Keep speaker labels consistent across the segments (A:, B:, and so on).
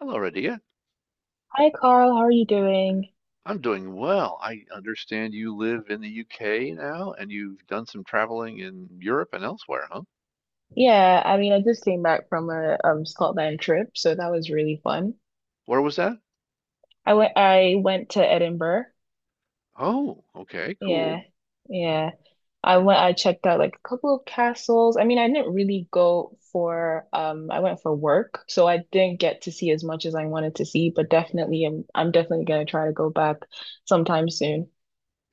A: Hello, Radia.
B: Hi Carl, how are you doing?
A: I'm doing well. I understand you live in the UK now and you've done some traveling in Europe and elsewhere, huh?
B: Yeah, I mean, I just came back from a Scotland trip, so that was really fun.
A: Where was that?
B: I went to Edinburgh.
A: Oh, okay,
B: Yeah.
A: cool.
B: Yeah. I checked out like a couple of castles. I mean, I didn't really go for I went for work, so I didn't get to see as much as I wanted to see, but definitely I'm definitely gonna try to go back sometime soon.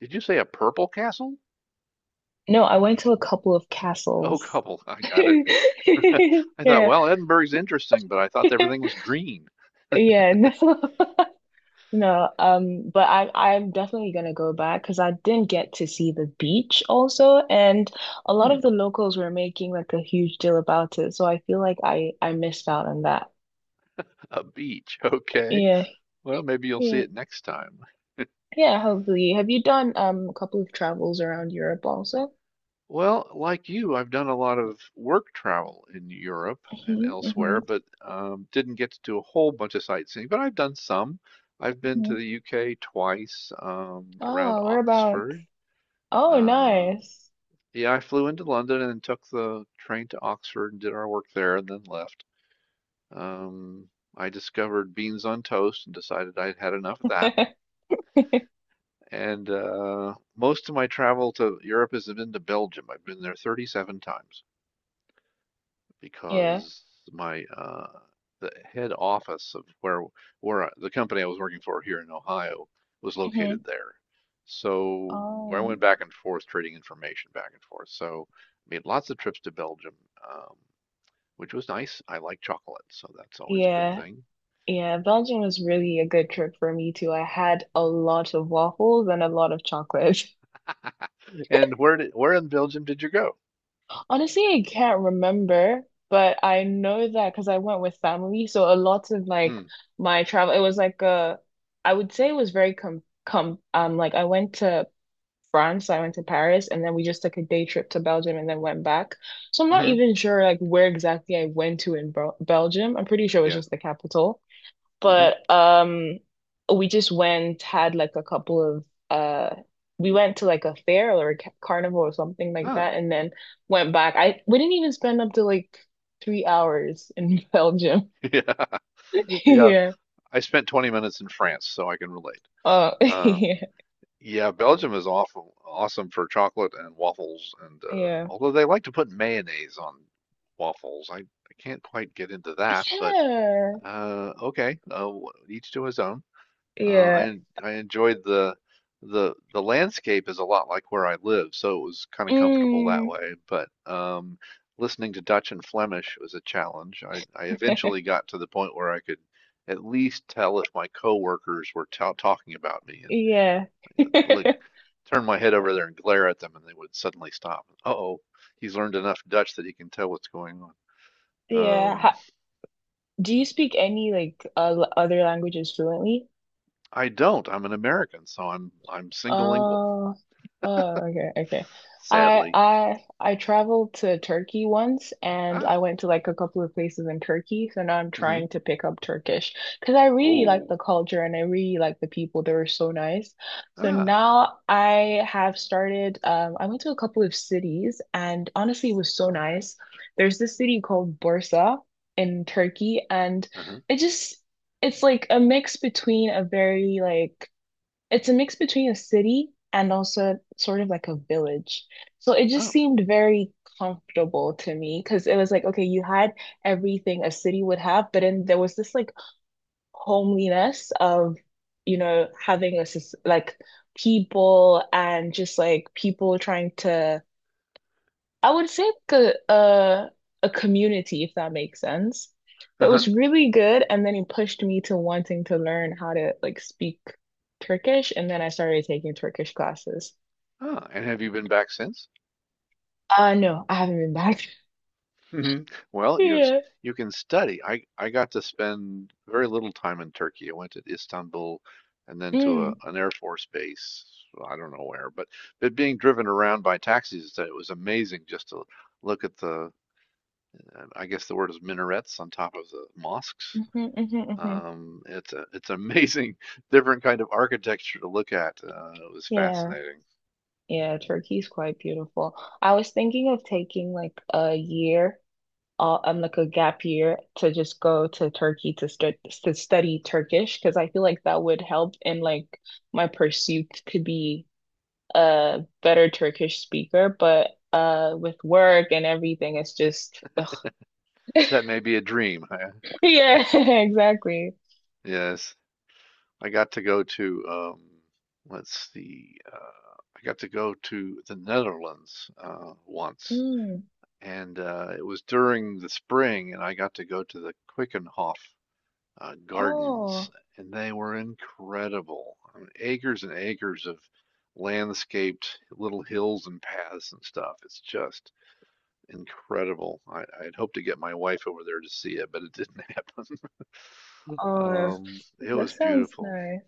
A: Did you say a purple castle?
B: No, I went to a couple of
A: Oh,
B: castles.
A: couple, I got it. I thought,
B: Yeah.
A: well, Edinburgh's interesting, but I thought everything was green.
B: Yeah, no. No, but I'm definitely gonna go back because I didn't get to see the beach also, and a lot of
A: Hmm,
B: the locals were making like a huge deal about it, so I feel like I missed out on that.
A: a beach. Okay.
B: Yeah,
A: Well, maybe you'll see
B: yeah,
A: it next time.
B: yeah. Hopefully, have you done a couple of travels around Europe also?
A: Well, like you, I've done a lot of work travel in Europe and
B: Hmm. Hmm.
A: elsewhere, but didn't get to do a whole bunch of sightseeing. But I've done some. I've been to
B: Hmm.
A: the UK twice, around
B: Oh, whereabouts?
A: Oxford.
B: Oh,
A: Uh,
B: nice.
A: yeah, I flew into London and took the train to Oxford and did our work there and then left. Um, I discovered beans on toast and decided I'd had enough of that. And most of my travel to Europe has been to Belgium. I've been there 37 times,
B: Yeah.
A: because my the head office of where the company I was working for here in Ohio was located
B: Hmm.
A: there. So I
B: Oh,
A: went back and forth trading information back and forth. So I made lots of trips to Belgium, um, which was nice. I like chocolate, so that's always a good
B: yeah.
A: thing.
B: Yeah, Belgium was really a good trip for me too. I had a lot of waffles and a lot of chocolate.
A: And where in Belgium did you go?
B: Honestly, I can't remember, but I know that because I went with family. So a lot of like
A: Mm,
B: my travel, it was like a, I would say it was very com com like I went to France, I went to Paris, and then we just took a day trip to Belgium and then went back. So I'm not
A: hmm,
B: even sure like where exactly I went to in Belgium. I'm pretty sure it was
A: yeah,
B: just the capital.
A: hmm,
B: But we just went, had like a couple of we went to like a fair or a carnival or something like
A: ah,
B: that and then went back. I We didn't even spend up to like 3 hours in Belgium.
A: yeah, yeah.
B: Yeah.
A: I spent 20 minutes in France, so I can relate.
B: Oh,
A: Um,
B: yeah.
A: Yeah, Belgium is awesome for chocolate and waffles, and
B: Yeah. Yeah.
A: although they like to put mayonnaise on waffles, I can't quite get into that. But okay, each to his own.
B: Yeah.
A: I enjoyed the the landscape is a lot like where I live, so it was kind of comfortable that
B: Mm.
A: way. But listening to Dutch and Flemish was a challenge. I eventually got to the point where I could at least tell if my coworkers were ta talking about me. And.
B: Yeah.
A: Like turn my head over there and glare at them, and they would suddenly stop. Uh-oh, he's learned enough Dutch that he can tell what's going on.
B: Yeah.
A: Um,
B: Do you speak any like other languages fluently?
A: I don't. I'm an American, so I'm single lingual,
B: Oh, oh, okay, okay.
A: sadly.
B: I traveled to Turkey once and
A: Ah,
B: I went to like a couple of places in Turkey, so now I'm
A: mm-hmm.
B: trying to pick up Turkish because I really like
A: Oh,
B: the culture and I really like the people. They were so nice. So
A: ah,
B: now I have started I went to a couple of cities and honestly it was so nice. There's this city called Bursa in Turkey and
A: uh-huh,
B: it just it's like a mix between a very like it's a mix between a city and also sort of like a village. So it just
A: oh,
B: seemed very comfortable to me because it was like, okay, you had everything a city would have, but then there was this like homeliness of, you know, having like people and just like people trying to I would say like a community, if that makes sense. That
A: uh-huh,
B: was really good, and then he pushed me to wanting to learn how to like speak Turkish, and then I started taking Turkish classes.
A: ah. And have you been back since?
B: Uh, no, I haven't been back.
A: Hmm. Well,
B: Yeah.
A: you can study. I got to spend very little time in Turkey. I went to Istanbul and then to a,
B: Mm.
A: an Air Force base. Well, I don't know where, but being driven around by taxis, it was amazing just to look at the, I guess the word is minarets on top of the mosques.
B: Hmm. Hmm. Hmm.
A: It's amazing, different kind of architecture to look at. It was
B: Yeah.
A: fascinating.
B: Yeah, Turkey's quite beautiful. I was thinking of taking like a year like a gap year to just go to Turkey to start to study Turkish because I feel like that would help in like my pursuit to be a better Turkish speaker. But with work and everything, it's just ugh.
A: That may be a dream.
B: Yeah, exactly.
A: Yes. I got to go to let's see, I got to go to the Netherlands once,
B: Mm.
A: and it was during the spring, and I got to go to the Quickenhof Gardens,
B: Oh,
A: and they were incredible. I mean, acres and acres of landscaped little hills and paths and stuff. It's just incredible. I'd hoped to get my wife over there to see it, but it didn't happen.
B: oh,
A: It
B: that
A: was
B: sounds
A: beautiful.
B: nice.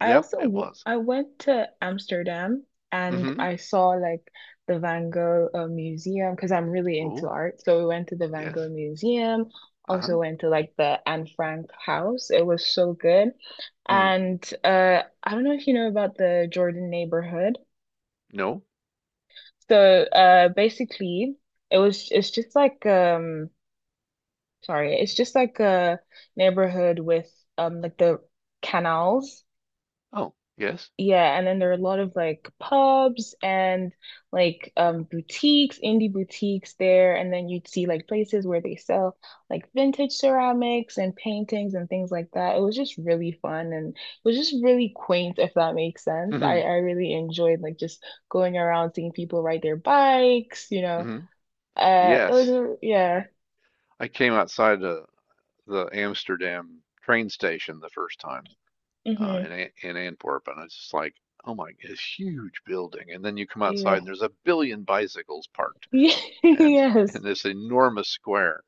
B: I
A: Yep,
B: also
A: it
B: w
A: was.
B: I went to Amsterdam and
A: Hmm.
B: I saw like the Van Gogh Museum because I'm really into
A: Oh,
B: art. So we went to the Van Gogh
A: yes.
B: Museum,
A: Uh-huh.
B: also went to like the Anne Frank house. It was so good.
A: Hmm.
B: And I don't know if you know about the Jordan neighborhood.
A: No.
B: So basically, it's just like sorry, it's just like a neighborhood with like the canals.
A: Oh, yes.
B: Yeah, and then there are a lot of like pubs and like boutiques, indie boutiques there, and then you'd see like places where they sell like vintage ceramics and paintings and things like that. It was just really fun and it was just really quaint, if that makes sense.
A: Mhm.
B: I really enjoyed like just going around seeing people ride their bikes, you know.
A: Mhm.
B: It was
A: Yes.
B: a, yeah.
A: I came outside the Amsterdam train station the first time,
B: Mm-hmm.
A: in Antwerp, and I was just like, oh my, this huge building. And then you come outside, and
B: Yeah.
A: there's a billion bicycles parked, and in
B: Yes.
A: this enormous square.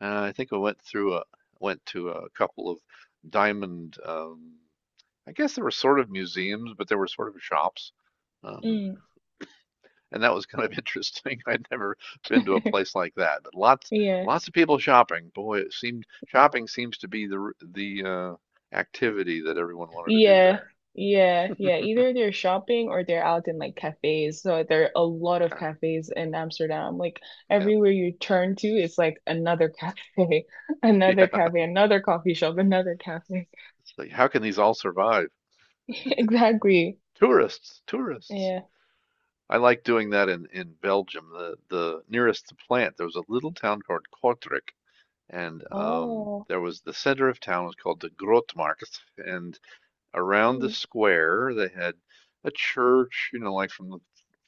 A: And I think I went through a went to a couple of diamond, I guess there were sort of museums, but there were sort of shops. Um,
B: Mm.
A: and that was kind of interesting. I'd never been to a place like that, but
B: Yeah.
A: lots of people shopping. Boy, it seemed shopping seems to be the activity that everyone wanted to do
B: Yeah,
A: there.
B: yeah, yeah. Either they're shopping or they're out in like cafes. So there are a lot of
A: Yeah,
B: cafes in Amsterdam. Like
A: yeah,
B: everywhere you turn to, it's like another cafe, another
A: yeah.
B: cafe, another coffee shop, another cafe.
A: It's like, how can these all survive?
B: Exactly.
A: Tourists, tourists.
B: Yeah.
A: I like doing that in Belgium. The nearest plant there was a little town called Kortrijk, and
B: Oh.
A: the center of town was called the Grootmarkt, and around the
B: Mm.
A: square they had a church, you know, like from the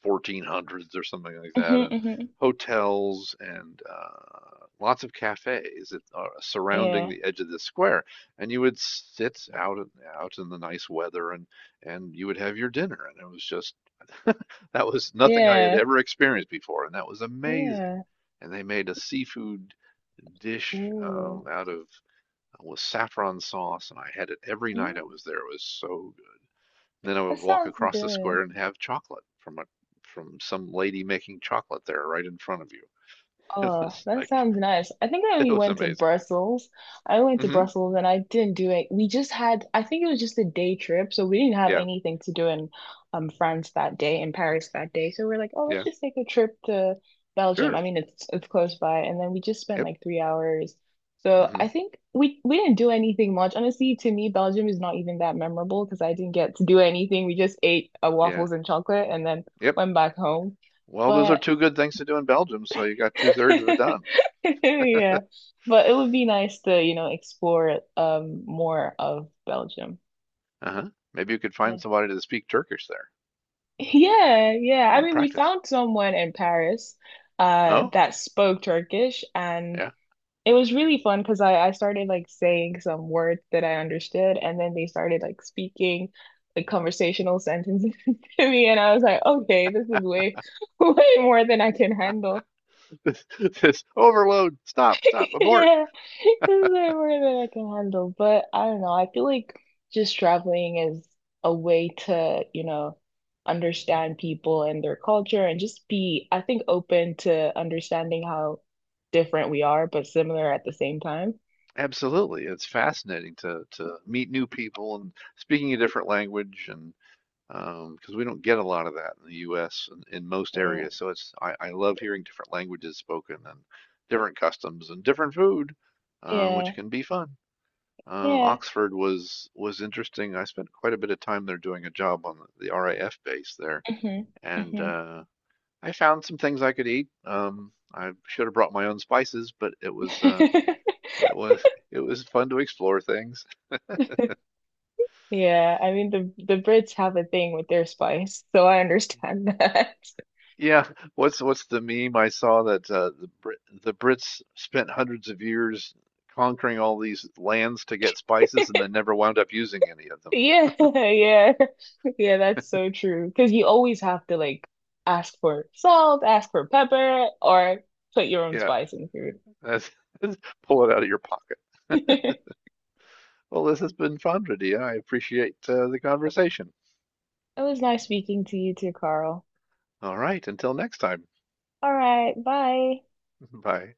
A: 1400s or something like that,
B: Mhm,
A: and
B: mhm.
A: hotels and lots of cafes that surrounding
B: Yeah.
A: the edge of the square. And you would sit out and out in the nice weather, and you would have your dinner. And it was just that was nothing I had
B: Yeah.
A: ever experienced before, and that was amazing.
B: Yeah.
A: And they made a seafood dish,
B: Ooh.
A: out of with saffron sauce, and I had it every night I
B: Mm.
A: was there. It was so then I
B: That
A: would walk
B: sounds
A: across the square
B: good.
A: and have chocolate from a from some lady making chocolate there right in front of you. It
B: Oh,
A: was
B: that
A: like
B: sounds nice. I think I
A: it
B: only
A: was
B: went to
A: amazing.
B: Brussels. I went to
A: Hmm.
B: Brussels and I didn't do it. We just had, I think it was just a day trip, so we didn't have
A: Yeah.
B: anything to do in France that day, in Paris that day. So we're like, oh, let's
A: Yeah.
B: just take a trip to Belgium. I
A: Sure.
B: mean, it's close by, and then we just spent
A: Yep.
B: like 3 hours. So
A: Hmm.
B: I think we didn't do anything much. Honestly, to me, Belgium is not even that memorable because I didn't get to do anything. We just ate
A: Yeah.
B: waffles and chocolate and then
A: Yep.
B: went back home.
A: Well, those are
B: But
A: two good things to do in Belgium, so you got two-thirds of it done.
B: yeah. But it would be nice to, you know, explore more of Belgium.
A: Uh-huh. Maybe you could find
B: Yeah.
A: somebody to speak Turkish there
B: Yeah, yeah. I
A: and
B: mean, we
A: practice.
B: found someone in Paris
A: Oh,
B: that spoke Turkish and
A: yeah.
B: it was really fun because I started like saying some words that I understood and then they started like speaking like conversational sentences to me and I was like, okay, this is way way more than I can handle.
A: This, this overload. Stop, stop, abort.
B: Yeah, it's way more than I can handle. But I don't know. I feel like just traveling is a way to, you know, understand people and their culture and just be, I think, open to understanding how different we are, but similar at the same time.
A: Absolutely. It's fascinating to meet new people and speaking a different language, and because we don't get a lot of that in the U.S. In most
B: Yeah.
A: areas. So it's I love hearing different languages spoken and different customs and different food,
B: Yeah.
A: which can be fun.
B: Yeah.
A: Oxford was interesting. I spent quite a bit of time there doing a job on the RAF base there,
B: Hmm.
A: and
B: Hmm.
A: I found some things I could eat. I should have brought my own spices, but it was it was it was fun to explore things.
B: Yeah. I mean, the Brits have a thing with their spice, so I understand that.
A: Yeah, what's the meme I saw that the Brits spent hundreds of years conquering all these lands to get spices and then never wound up using any of them.
B: Yeah, yeah. Yeah, that's so true. Because you always have to like ask for salt, ask for pepper, or put your own
A: Yeah,
B: spice in food.
A: that's, pull it out of your pocket. Well, this has been fun, Radia. I appreciate the conversation.
B: It was nice speaking to you too, Carl.
A: All right, until next time.
B: All right, bye.
A: Bye.